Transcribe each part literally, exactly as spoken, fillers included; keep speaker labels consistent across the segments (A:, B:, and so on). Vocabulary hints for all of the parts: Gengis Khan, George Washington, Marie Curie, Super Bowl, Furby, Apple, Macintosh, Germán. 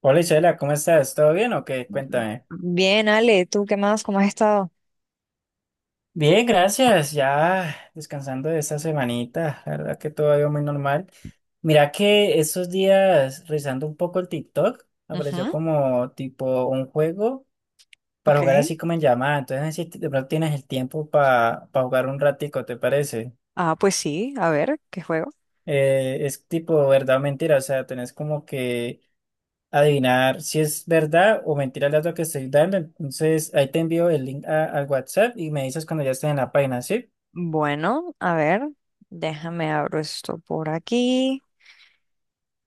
A: Hola Isela, ¿cómo estás? ¿Todo bien o qué? Cuéntame.
B: Bien, Ale, ¿tú qué más? ¿Cómo has estado?
A: Bien, gracias. Ya descansando de esta semanita. La verdad que todo ha ido muy normal. Mira que estos días, revisando un poco el TikTok, apareció
B: Ujú.
A: como tipo un juego para
B: Ok.
A: jugar así como en llamada. Entonces, no sé si de pronto tienes el tiempo para jugar un ratico, ¿te parece?
B: Ah, pues sí, a ver, ¿qué juego?
A: Eh, es tipo verdad o mentira. O sea, tenés como que adivinar si es verdad o mentira el dato que estoy dando. Entonces, ahí te envío el link a- al WhatsApp y me dices cuando ya esté en la página, ¿sí?
B: Bueno, a ver, déjame abro esto por aquí.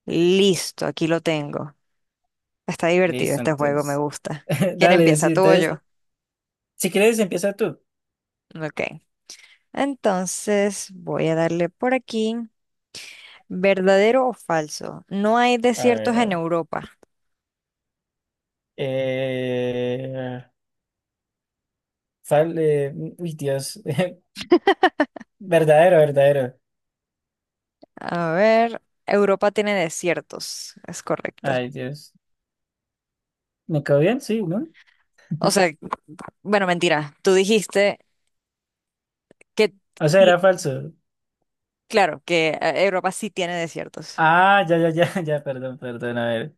B: Listo, aquí lo tengo. Está divertido
A: Listo,
B: este juego, me
A: entonces.
B: gusta. ¿Quién
A: Dale,
B: empieza,
A: sí,
B: tú o
A: entonces,
B: yo?
A: si quieres, empieza tú.
B: Ok. Entonces, voy a darle por aquí. ¿Verdadero o falso? No hay
A: A
B: desiertos
A: ver, a
B: en
A: ver.
B: Europa.
A: Eh, fal- eh, uy, Dios. Verdadero, verdadero.
B: A ver, Europa tiene desiertos, es correcto.
A: Ay, Dios. ¿Me quedó bien? Sí, ¿no?
B: O sea, bueno, mentira, tú dijiste que...
A: O sea,
B: sí.
A: era falso.
B: Claro que eh, Europa sí tiene desiertos.
A: Ah, ya, ya, ya, ya, perdón, perdón, a ver.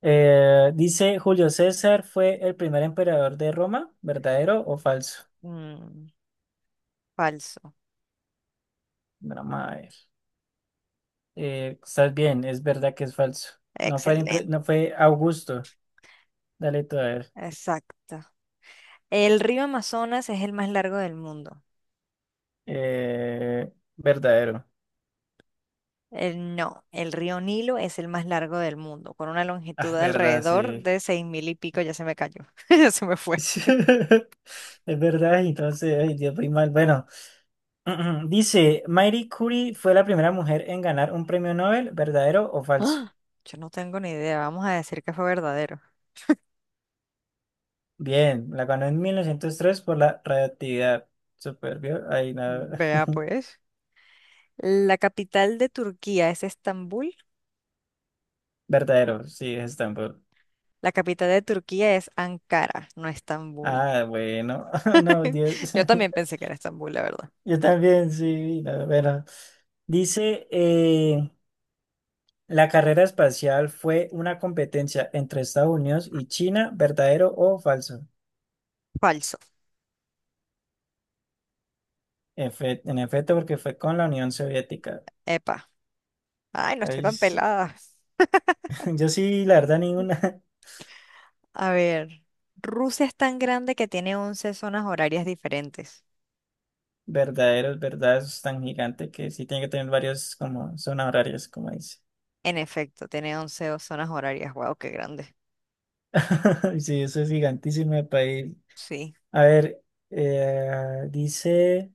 A: Eh, dice, Julio César fue el primer emperador de Roma, ¿verdadero o falso?
B: Mm, falso.
A: La madre. Eh, estás bien, es verdad que es falso. No fue, impre-
B: Excelente.
A: no fue Augusto. Dale tú a ver.
B: Exacto. El río Amazonas es el más largo del mundo.
A: Eh, verdadero.
B: El- no, el río Nilo es el más largo del mundo, con una longitud
A: Ah,
B: de
A: verdad,
B: alrededor
A: sí.
B: de seis mil y pico. Ya se me cayó. Ya se me fue.
A: Es verdad, entonces, ay, Dios, muy mal. Bueno, dice, Marie Curie fue la primera mujer en ganar un premio Nobel, ¿verdadero o falso?
B: ¡Ah! Yo no tengo ni idea. Vamos a decir que fue verdadero.
A: Bien, la ganó en mil novecientos tres por la radioactividad. Super, ¿vio? Ay, nada.
B: Vea pues. La capital de Turquía es Estambul.
A: Verdadero, sí, es Stanford.
B: La capital de Turquía es Ankara, no Estambul.
A: Ah, bueno, no, Dios.
B: Yo también pensé que era Estambul, la verdad.
A: Yo también, sí, la verdad. Dice, eh, la carrera espacial fue una competencia entre Estados Unidos y China, ¿verdadero o falso?
B: Falso.
A: Efe- en efecto, porque fue con la Unión Soviética.
B: Epa. Ay, no estoy
A: Ay,
B: tan
A: sí.
B: pelada.
A: Yo sí, la verdad, ninguna.
B: A ver, Rusia es tan grande que tiene once zonas horarias diferentes.
A: Verdadero, es verdad, eso es tan gigante que sí tiene que tener varios como zonas horarias, como dice.
B: En efecto, tiene once o- zonas horarias. Wow, qué grande.
A: Sí, eso es gigantísimo de país.
B: Sí.
A: A ver, eh, dice,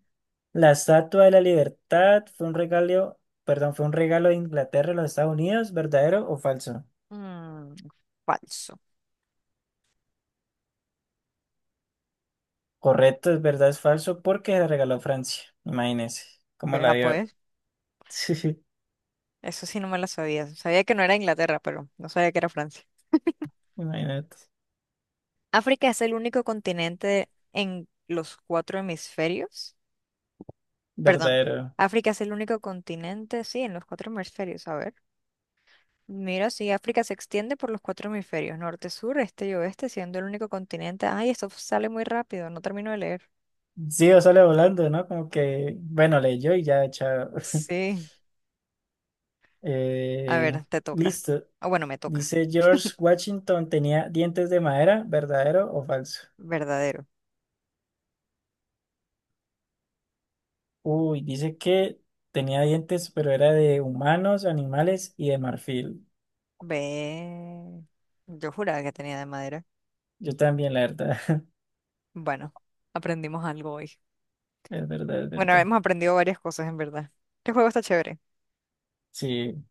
A: la Estatua de la Libertad fue un regalo, perdón, fue un regalo de Inglaterra a los Estados Unidos, ¿verdadero o falso?
B: Mm, falso.
A: Correcto, es verdad, es falso, porque se la regaló Francia. Imagínese cómo la
B: Vea
A: dio.
B: pues,
A: Sí,
B: eso sí no me lo sabía. Sabía que no era Inglaterra, pero no sabía que era Francia.
A: imagínate.
B: África es el único continente en los cuatro hemisferios. Perdón,
A: Verdadero.
B: África es el único continente, sí, en los cuatro hemisferios. A ver. Mira, sí, África se extiende por los cuatro hemisferios, norte, sur, este y oeste, siendo el único continente. Ay, esto sale muy rápido, no termino de leer.
A: Sí, o sale volando, ¿no? Como que, bueno, leyó y ya, chao.
B: Sí. A
A: Eh,
B: ver, te toca.
A: listo.
B: Ah, bueno, me toca.
A: Dice George Washington tenía dientes de madera, ¿verdadero o falso?
B: Verdadero.
A: Uy, dice que tenía dientes, pero era de humanos, animales y de marfil.
B: Ve. Yo juraba que tenía de madera.
A: Yo también, la verdad.
B: Bueno, aprendimos algo hoy.
A: Es verdad, es
B: Bueno,
A: verdad.
B: hemos aprendido varias cosas, en verdad. ¿Qué juego está chévere?
A: Sí,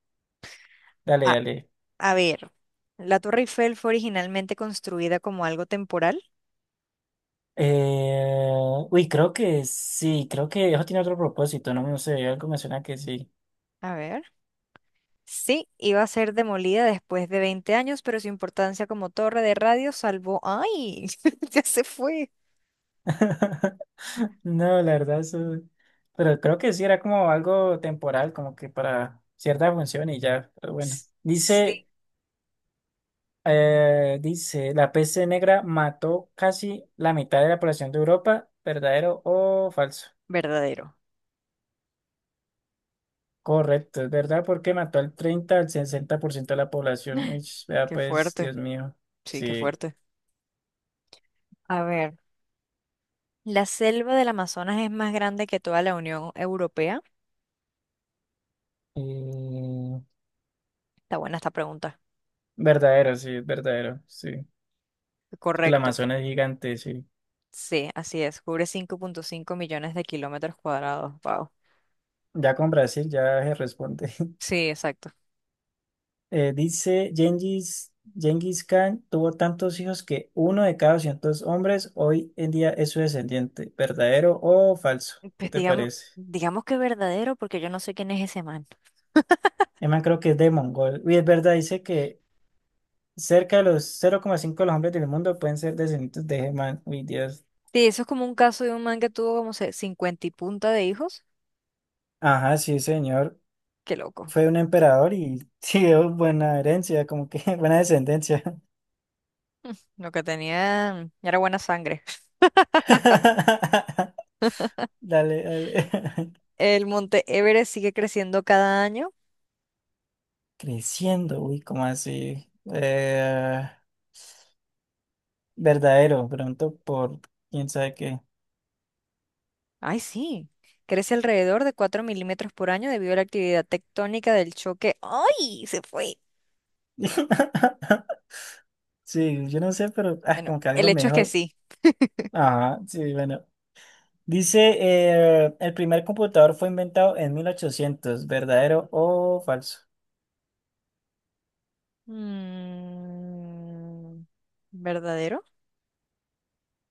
A: dale,
B: Ah,
A: dale.
B: a ver. La Torre Eiffel fue originalmente construida como algo temporal.
A: Eh, uy, creo que sí, creo que eso tiene otro propósito, no, no sé, algo me suena que sí.
B: A ver. Sí, iba a ser demolida después de veinte años, pero su importancia como torre de radio salvó. ¡Ay! Ya se fue.
A: No, la verdad, eso- Pero creo que sí, era como algo temporal, como que para cierta función y ya, pero bueno.
B: S- Sí.
A: Dice... Eh, dice, la peste negra mató casi la mitad de la población de Europa, ¿verdadero o falso?
B: Verdadero.
A: Correcto, es verdad, porque mató al treinta al sesenta por ciento de la población. Ish, vea
B: Qué
A: pues,
B: fuerte.
A: Dios mío.
B: Sí, qué
A: Sí.
B: fuerte. A ver, ¿la selva del Amazonas es más grande que toda la Unión Europea?
A: Mm,
B: Está buena esta pregunta.
A: verdadero, sí, es verdadero, sí. Es que la
B: Correcto.
A: Amazona es gigante, sí.
B: Sí, así es. Cubre cinco punto cinco millones de kilómetros cuadrados. Wow.
A: Ya con Brasil ya se responde.
B: Sí, exacto.
A: Eh, dice Gengis, Gengis Khan tuvo tantos hijos que uno de cada doscientos hombres hoy en día es su descendiente. ¿Verdadero o falso? ¿Qué
B: Pues
A: te
B: digamos,
A: parece?
B: digamos que verdadero, porque yo no sé quién es ese man.
A: Además, creo que es de Mongol. Y es verdad, dice que cerca de los cero coma cinco de los hombres del mundo pueden ser descendientes de Germán. Uy, Dios.
B: Sí, eso es como un caso de un man que tuvo como se- cincuenta y punta de hijos.
A: Ajá, sí, señor.
B: Qué loco.
A: Fue un emperador y sí, dio buena herencia, como que buena descendencia.
B: Lo que tenía era buena sangre.
A: Dale, dale.
B: El monte Everest sigue creciendo cada año.
A: Creciendo, uy, ¿cómo así? Eh, verdadero, pronto por quién sabe qué.
B: Ay, sí. Crece alrededor de cuatro milímetros por año debido a la actividad tectónica del choque. ¡Ay! Se fue.
A: Sí, yo no sé, pero ah,
B: Bueno,
A: como que
B: el
A: algo me
B: hecho es que
A: dijo.
B: sí.
A: Ajá, sí, bueno. Dice, eh, el primer computador fue inventado en mil ochocientos, ¿verdadero o falso?
B: Mm, ¿verdadero?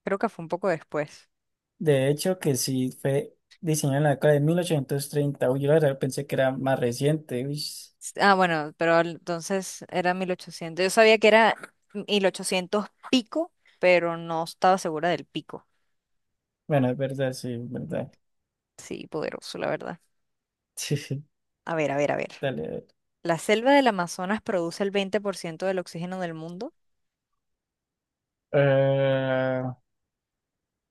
B: Creo que fue un poco después.
A: De hecho, que sí, fue diseñado en la década de mil ochocientos treinta. Uy, yo la verdad pensé que era más reciente. Uy,
B: Ah, bueno, pero al- entonces era mil ochocientos. Yo sabía que era mil ochocientos pico, pero no estaba segura del pico.
A: bueno, es verdad, sí, es
B: Mm,
A: verdad.
B: sí, poderoso, la verdad.
A: Sí, sí,
B: A ver, a ver, a ver.
A: dale. A ver.
B: La selva del Amazonas produce el veinte por ciento del oxígeno del mundo.
A: Eh,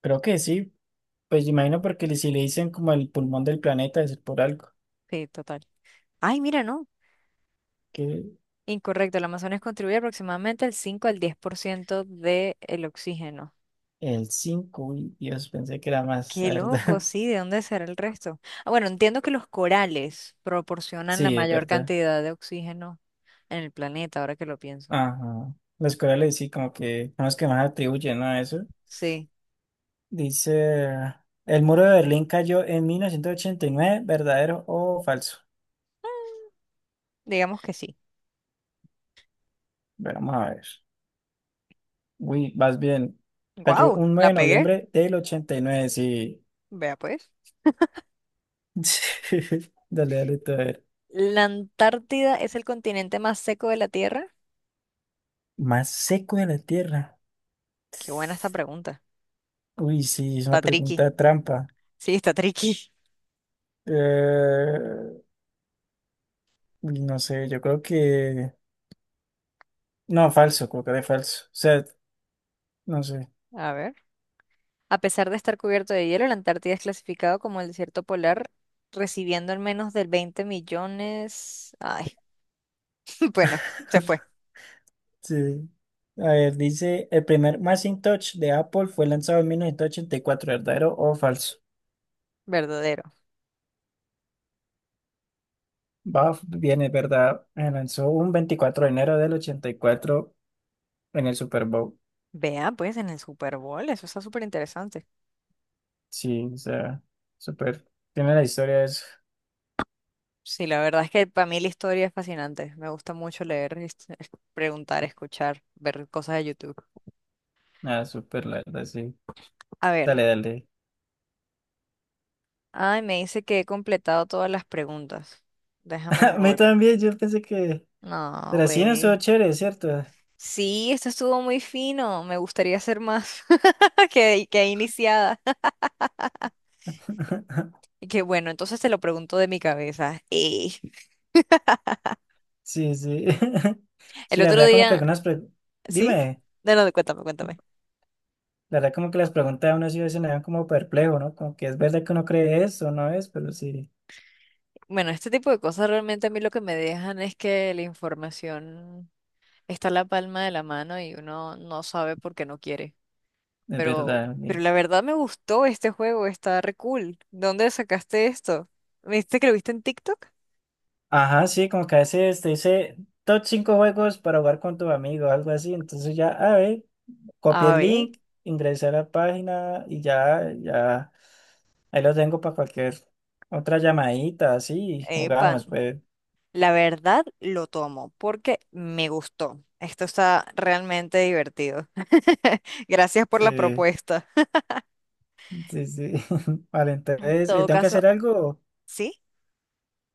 A: creo que sí, pues imagino porque le- si le dicen como el pulmón del planeta, es por algo.
B: Sí, total. Ay, mira, no.
A: Que
B: Incorrecto, el Amazonas contribuye aproximadamente el cinco al diez por ciento del oxígeno.
A: el cinco y Dios, pensé que era más,
B: Qué
A: la
B: loco,
A: verdad.
B: sí, ¿de dónde será el resto? Ah, bueno, entiendo que los corales proporcionan la
A: Sí, es
B: mayor
A: verdad.
B: cantidad de oxígeno en el planeta, ahora que lo pienso.
A: Ajá. Los corales sí, como que son los que más atribuyen, ¿no? A eso.
B: Sí,
A: Dice, el muro de Berlín cayó en mil novecientos ochenta y nueve, ¿verdadero o falso?
B: digamos que sí.
A: Bueno, vamos a ver. Uy, vas bien. Cayó
B: ¡Guau!
A: un nueve
B: La
A: de
B: pegué.
A: noviembre del ochenta y nueve, sí.
B: Vea pues.
A: Dale, dale, tú, a ver.
B: ¿La Antártida es el continente más seco de la Tierra?
A: Más seco de la tierra.
B: Qué buena esta pregunta.
A: Uy, sí, es una
B: Está tricky.
A: pregunta trampa.
B: Sí, está tricky.
A: Eh, No sé, yo creo que... No, falso, creo que de falso. O sea, no sé.
B: A ver. A pesar de estar cubierto de hielo, la Antártida es clasificado como el desierto polar, recibiendo al menos del veinte millones. Ay, bueno, se fue.
A: Sí. A ver, dice, el primer Macintosh de Apple fue lanzado en mil novecientos ochenta y cuatro, ¿verdadero o falso?
B: Verdadero.
A: Va, viene, ¿verdad? Eh, Lanzó un veinticuatro de enero del ochenta y cuatro en el Super Bowl.
B: Vea, pues en el Super Bowl, eso está súper interesante.
A: Sí, o sea, súper. Tiene la historia de eso.
B: Sí, la verdad es que para mí la historia es fascinante. Me gusta mucho leer, es- es- preguntar, escuchar, ver cosas de YouTube.
A: Ah, súper, la verdad, sí.
B: A
A: Dale,
B: ver.
A: dale.
B: Ay, me dice que he completado todas las preguntas. Déjame,
A: A
B: me
A: mí
B: voy.
A: también, yo pensé que...
B: No,
A: Pero sí, no estuvo
B: güey.
A: chévere, ¿cierto?
B: Sí, esto estuvo muy fino. Me gustaría hacer más que, que iniciada. Y que bueno, entonces te lo pregunto de mi cabeza. Eh,
A: Sí, sí.
B: el
A: Sí, la
B: otro
A: verdad como que
B: día,
A: algunas... pre-
B: ¿sí?
A: Dime,
B: No, no, cuéntame, cuéntame.
A: la verdad como que las preguntas de uno sí a veces me dan como perplejo, ¿no? Como que es verdad que uno cree eso, ¿no es? Pero sí,
B: Bueno, este tipo de cosas realmente a mí lo que me dejan es que la información está a la palma de la mano y uno no sabe por qué no quiere.
A: es
B: Pero,
A: verdad,
B: pero
A: sí.
B: la verdad me gustó este juego, está re cool. ¿Dónde sacaste esto? ¿Me dijiste que lo viste en TikTok?
A: Ajá, sí, como que a veces te dice top cinco juegos para jugar con tu amigo, algo así. Entonces ya, a ver, copié
B: A
A: el
B: ver,
A: link, ingresé a la página y ya, ya, ahí lo tengo para cualquier otra llamadita, así,
B: pan.
A: jugamos, pues.
B: La verdad lo tomo porque me gustó. Esto está realmente divertido. Gracias por la
A: Sí,
B: propuesta.
A: sí, sí. Vale,
B: En
A: entonces, eh,
B: todo
A: tengo que
B: caso,
A: hacer algo.
B: sí,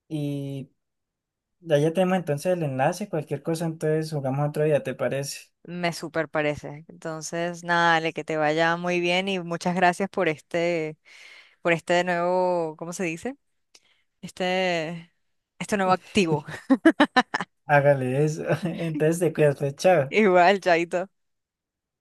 A: Y ya, ya tenemos entonces el enlace, cualquier cosa, entonces jugamos otro día, ¿te parece?
B: me super parece. Entonces, nada, Ale, que te vaya muy bien y muchas gracias por este, por este nuevo, ¿cómo se dice? este, este nuevo activo.
A: Hágale eso. Entonces te cuidas, pues, chao.
B: Igual, Chaito.